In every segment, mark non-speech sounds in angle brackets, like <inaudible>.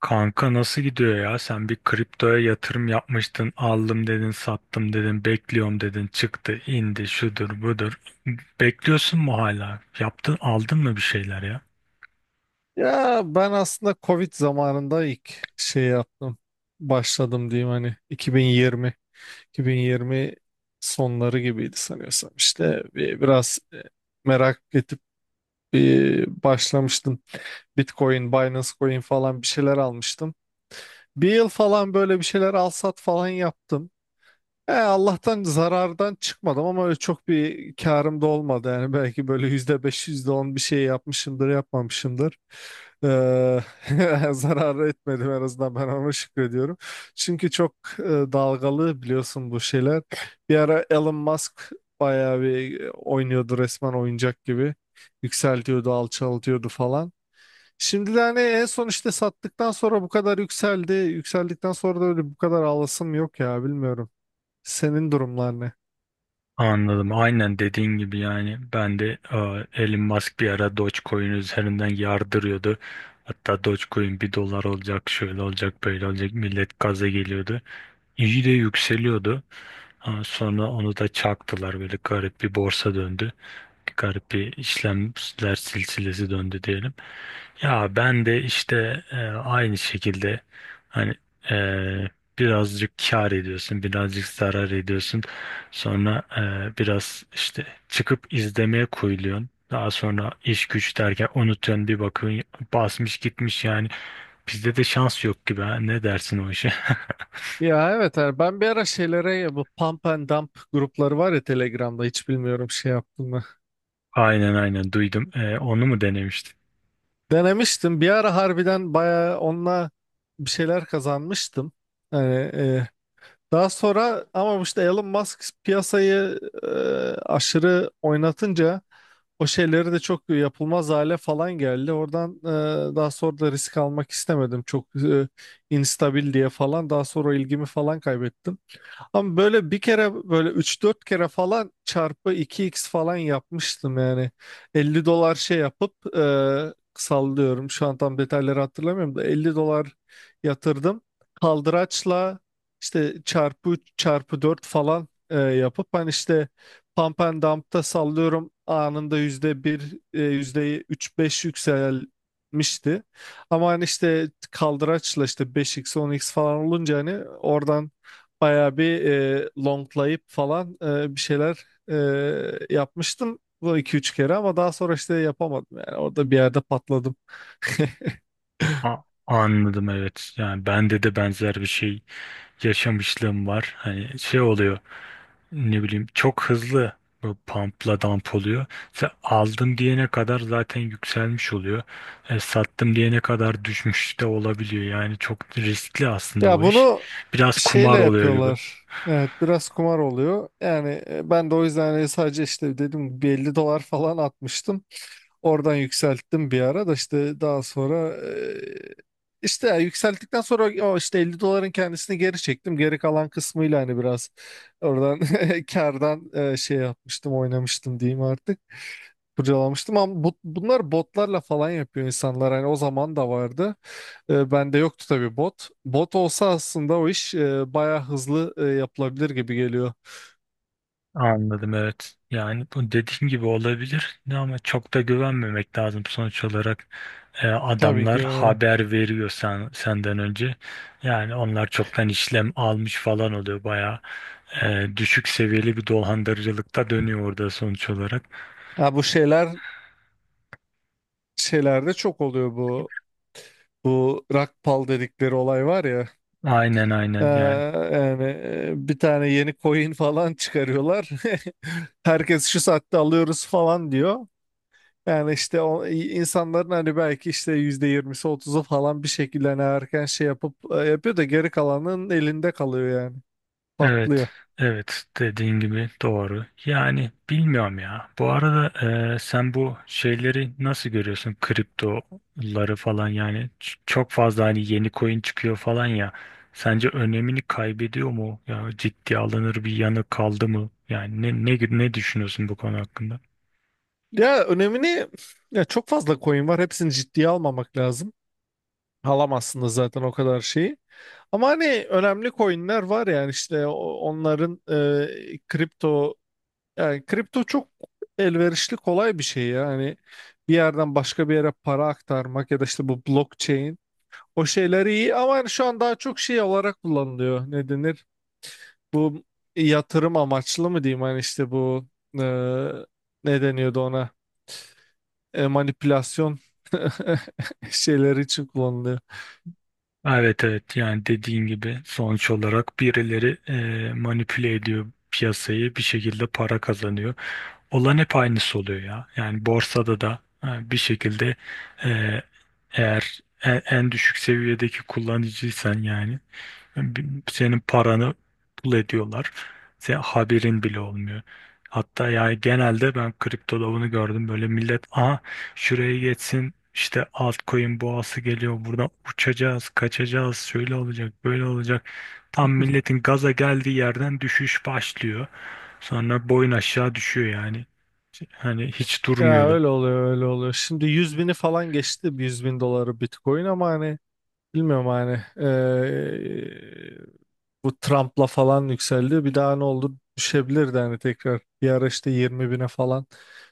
Kanka nasıl gidiyor ya? Sen bir kriptoya yatırım yapmıştın. Aldım dedin, sattım dedin, bekliyorum dedin. Çıktı, indi, şudur, budur. Bekliyorsun mu hala? Yaptın, aldın mı bir şeyler ya? Ya ben aslında Covid zamanında ilk şey yaptım. Başladım diyeyim hani 2020 sonları gibiydi sanıyorsam. İşte biraz merak edip bir başlamıştım. Bitcoin, Binance Coin falan bir şeyler almıştım. Bir yıl falan böyle bir şeyler al sat falan yaptım. Allah'tan zarardan çıkmadım ama öyle çok bir karım da olmadı. Yani belki böyle %5, yüzde on bir şey yapmışımdır, yapmamışımdır. Ee, <laughs> Zarar etmedim, en azından ben ona şükrediyorum. Çünkü çok dalgalı biliyorsun bu şeyler. Bir ara Elon Musk bayağı bir oynuyordu, resmen oyuncak gibi. Yükseltiyordu, alçaltıyordu falan. Şimdi de hani en son işte sattıktan sonra bu kadar yükseldi. Yükseldikten sonra da öyle bu kadar ağlasım yok ya, bilmiyorum. Senin durumlar ne? Anladım. Aynen dediğin gibi yani ben de Elon Musk bir ara Dogecoin üzerinden yardırıyordu. Hatta Dogecoin bir dolar olacak, şöyle olacak, böyle olacak. Millet gaza geliyordu. İyi de yükseliyordu. Ha, sonra onu da çaktılar. Böyle garip bir borsa döndü. Garip bir işlemler silsilesi döndü diyelim. Ya ben de işte aynı şekilde hani e, birazcık kâr ediyorsun, birazcık zarar ediyorsun. Sonra biraz işte çıkıp izlemeye koyuluyorsun. Daha sonra iş güç derken unutuyorsun bir bakın basmış gitmiş yani. Bizde de şans yok gibi ha. Ne dersin o işe? Ya evet, ben bir ara şeylere, ya bu pump and dump grupları var ya Telegram'da, hiç bilmiyorum şey yaptım mı. <laughs> Aynen aynen duydum. E, onu mu denemiştin? Denemiştim bir ara, harbiden bayağı onunla bir şeyler kazanmıştım. Hani daha sonra ama işte Elon Musk piyasayı aşırı oynatınca o şeyleri de çok yapılmaz hale falan geldi. Oradan daha sonra da risk almak istemedim, çok instabil diye falan daha sonra ilgimi falan kaybettim. Ama böyle bir kere, böyle üç dört kere falan çarpı iki x falan yapmıştım yani. $50 şey yapıp sallıyorum, şu an tam detayları hatırlamıyorum da $50 yatırdım. Kaldıraçla işte çarpı 3 çarpı 4 falan yapıp hani işte pump and dump'ta sallıyorum anında %1 yüzde üç beş yükselmişti. Ama hani işte kaldıraçla işte beş x on x falan olunca hani oradan bayağı bir longlayıp falan bir şeyler yapmıştım. Bu iki üç kere, ama daha sonra işte yapamadım yani. Orada bir yerde patladım. <laughs> A- Anladım, evet. Yani bende de benzer bir şey yaşamışlığım var. Hani şey oluyor. Ne bileyim, çok hızlı bu pumpla dump oluyor. Sen aldım diyene kadar zaten yükselmiş oluyor. E, sattım diyene kadar düşmüş de olabiliyor. Yani çok riskli aslında Ya o iş. bunu Biraz şeyle kumar oluyor gibi. yapıyorlar. Evet, biraz kumar oluyor. Yani ben de o yüzden hani sadece işte dedim bir $50 falan atmıştım. Oradan yükselttim bir ara da, işte daha sonra işte ya yükselttikten sonra o işte 50 doların kendisini geri çektim. Geri kalan kısmıyla hani biraz oradan <laughs> kardan şey yapmıştım, oynamıştım diyeyim artık. Kurcalamıştım, ama bunlar botlarla falan yapıyor insanlar. Hani o zaman da vardı. Bende yoktu tabii bot. Bot olsa aslında o iş bayağı hızlı yapılabilir gibi geliyor. Anladım, evet. Yani bu dediğim gibi olabilir. Ne ama çok da güvenmemek lazım sonuç olarak. Tabii Adamlar ki. haber veriyor senden önce. Yani onlar çoktan işlem almış falan oluyor bayağı. Düşük seviyeli bir dolandırıcılıkta dönüyor orada sonuç olarak. Ha, bu şeyler, şeylerde çok oluyor, bu rakpal dedikleri olay var ya. Aynen E, aynen yani. yani bir tane yeni coin falan çıkarıyorlar. <laughs> Herkes şu saatte alıyoruz falan diyor. Yani işte o insanların hani belki işte yüzde yirmisi, otuzu falan bir şekilde hani erken şey yapıp yapıyor da, geri kalanın elinde kalıyor yani. Evet Patlıyor. evet, dediğin gibi doğru. Yani bilmiyorum ya. Bu arada sen bu şeyleri nasıl görüyorsun? Kriptoları falan yani. Çok fazla hani yeni coin çıkıyor falan ya. Sence önemini kaybediyor mu? Ya ciddiye alınır bir yanı kaldı mı? Yani ne düşünüyorsun bu konu hakkında? Ya önemini, ya çok fazla coin var. Hepsini ciddiye almamak lazım. Alamazsın da zaten o kadar şeyi. Ama hani önemli coinler var yani işte onların kripto, yani kripto çok elverişli, kolay bir şey yani, bir yerden başka bir yere para aktarmak ya da işte bu blockchain, o şeyler iyi, ama hani şu an daha çok şey olarak kullanılıyor, ne denir bu, yatırım amaçlı mı diyeyim, hani işte bu e, ne deniyordu ona, manipülasyon <laughs> şeyleri için kullanılıyor. Evet evet, yani dediğin gibi sonuç olarak birileri manipüle ediyor piyasayı, bir şekilde para kazanıyor. Olan hep aynısı oluyor ya. Yani borsada da bir şekilde e, eğer en düşük seviyedeki kullanıcıysan yani senin paranı pul ediyorlar. Sen haberin bile olmuyor. Hatta yani genelde ben kriptoda bunu gördüm. Böyle millet aha şuraya geçsin işte altcoin boğası geliyor. Buradan uçacağız, kaçacağız, şöyle olacak, böyle olacak. Tam milletin gaza geldiği yerden düşüş başlıyor. Sonra boyun aşağı düşüyor yani. Hani hiç Ya durmuyor da. öyle oluyor, öyle oluyor. Şimdi 100 bini falan geçti, 100 bin doları Bitcoin, ama hani bilmiyorum hani e, bu Trump'la falan yükseldi. Bir daha ne oldu, düşebilirdi hani tekrar. Bir ara işte 20 bine falan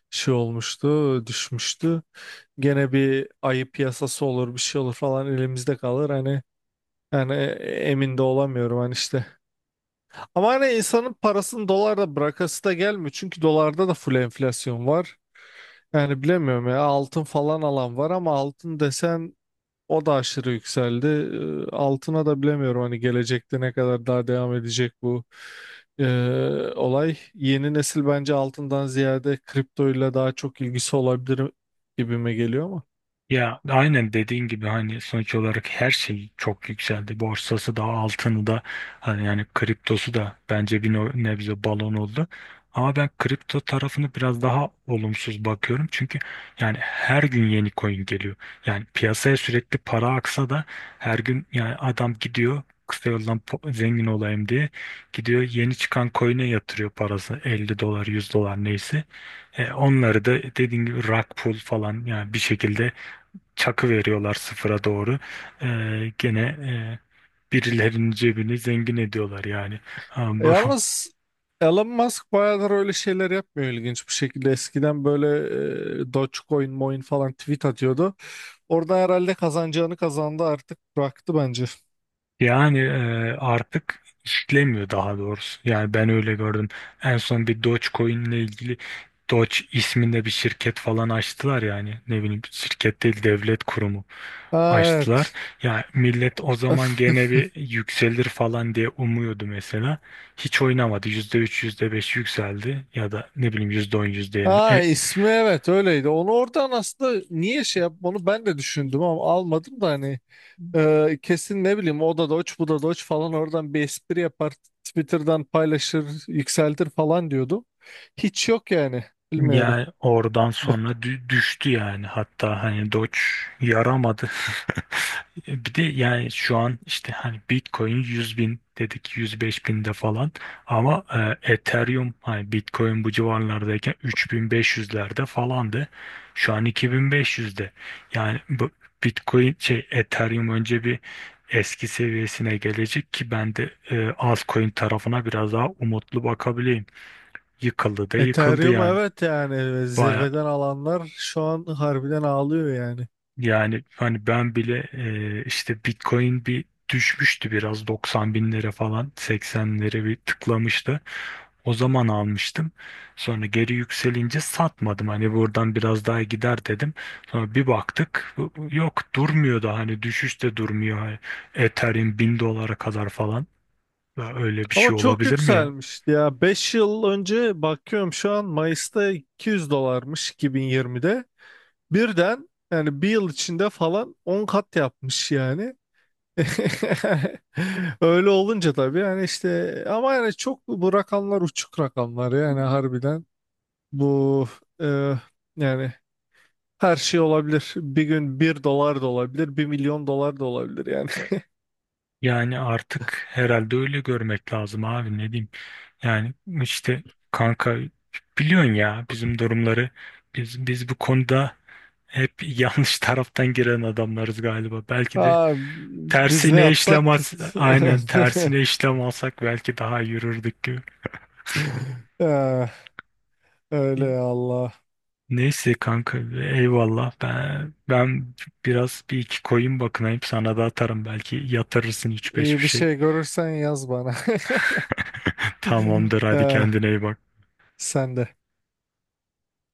şey olmuştu, düşmüştü. Gene bir ayı piyasası olur, bir şey olur falan, elimizde kalır hani, yani emin de olamıyorum hani işte. Ama hani insanın parasını dolarda bırakası da gelmiyor. Çünkü dolarda da full enflasyon var. Yani bilemiyorum ya, altın falan alan var ama altın desen o da aşırı yükseldi. Altına da bilemiyorum hani gelecekte ne kadar daha devam edecek bu olay. Yeni nesil bence altından ziyade kriptoyla daha çok ilgisi olabilir gibime geliyor ama. Ya aynen dediğin gibi hani sonuç olarak her şey çok yükseldi. Borsası da, altını da hani yani kriptosu da bence bir nebze balon oldu. Ama ben kripto tarafını biraz daha olumsuz bakıyorum. Çünkü yani her gün yeni coin geliyor. Yani piyasaya sürekli para aksa da her gün yani adam gidiyor kısa yoldan zengin olayım diye gidiyor yeni çıkan coin'e yatırıyor, parası 50 dolar 100 dolar neyse. E, onları da dediğin gibi rug pull falan yani bir şekilde çakı veriyorlar sıfıra doğru. Gene birilerinin cebini zengin ediyorlar yani. Ama E, <laughs> Yalnız Elon Musk bayağıdır öyle şeyler yapmıyor, ilginç bir şekilde. Eskiden böyle Dogecoin, moin falan tweet atıyordu. Orada herhalde kazanacağını kazandı, artık bıraktı bence. Yani artık işlemiyor daha doğrusu. Yani ben öyle gördüm. En son bir Dogecoin ile ilgili Doge isminde bir şirket falan açtılar yani. Ne bileyim, şirket değil, devlet kurumu Ha, açtılar. evet. Ya millet o zaman <laughs> gene bir yükselir falan diye umuyordu mesela. Hiç oynamadı. Yüzde üç yüzde beş yükseldi ya da ne bileyim yüzde on yüzde yirmi. Ha, ismi evet öyleydi. Onu oradan aslında niye şey yap, onu ben de düşündüm ama almadım da hani, kesin ne bileyim, o da Doge, bu da Doge falan, oradan bir espri yapar, Twitter'dan paylaşır, yükseltir falan diyordu. Hiç yok yani, bilmiyorum. Yani oradan sonra düştü yani, hatta hani Doge yaramadı. <laughs> Bir de yani şu an işte hani Bitcoin 100 bin dedik, 105 binde falan, ama Ethereum hani Bitcoin bu civarlardayken 3500'lerde falandı. Şu an 2500'de. Yani bu Bitcoin şey Ethereum önce bir eski seviyesine gelecek ki ben de altcoin tarafına biraz daha umutlu bakabileyim. Yıkıldı da yıkıldı Ethereum, yani. evet yani zirveden alanlar şu an harbiden ağlıyor yani. Yani hani ben bile işte Bitcoin bir düşmüştü, biraz 90 binlere falan 80'lere bir tıklamıştı. O zaman almıştım. Sonra geri yükselince satmadım. Hani buradan biraz daha gider dedim. Sonra bir baktık yok durmuyor da, hani düşüş de durmuyor. Hani Ethereum 1000 dolara kadar falan. Ya öyle bir Ama şey çok olabilir mi ya? yükselmişti ya. 5 yıl önce bakıyorum, şu an Mayıs'ta 200 dolarmış, 2020'de. Birden yani bir yıl içinde falan 10 kat yapmış yani. <laughs> Öyle olunca tabii yani işte, ama yani çok bu rakamlar, uçuk rakamlar yani, harbiden bu e, yani her şey olabilir. Bir gün 1 dolar da olabilir, 1 milyon dolar da olabilir yani. Yani artık herhalde öyle görmek lazım abi, ne diyeyim. Yani işte kanka biliyorsun ya bizim durumları biz bu konuda hep <laughs> yanlış taraftan giren adamlarız galiba. Belki de Aa, biz ne tersine yapsak? işlemez, aynen tersine <laughs> işlem alsak belki daha yürürdük gibi. Ee, öyle E, ya Allah. Neyse kanka, eyvallah. Ben biraz bir iki koyun bakınayım, sana da atarım belki yatırırsın üç beş bir İyi bir şey. şey görürsen yaz bana. <laughs> Tamamdır, <laughs> hadi Ee, kendine iyi bak. sen de.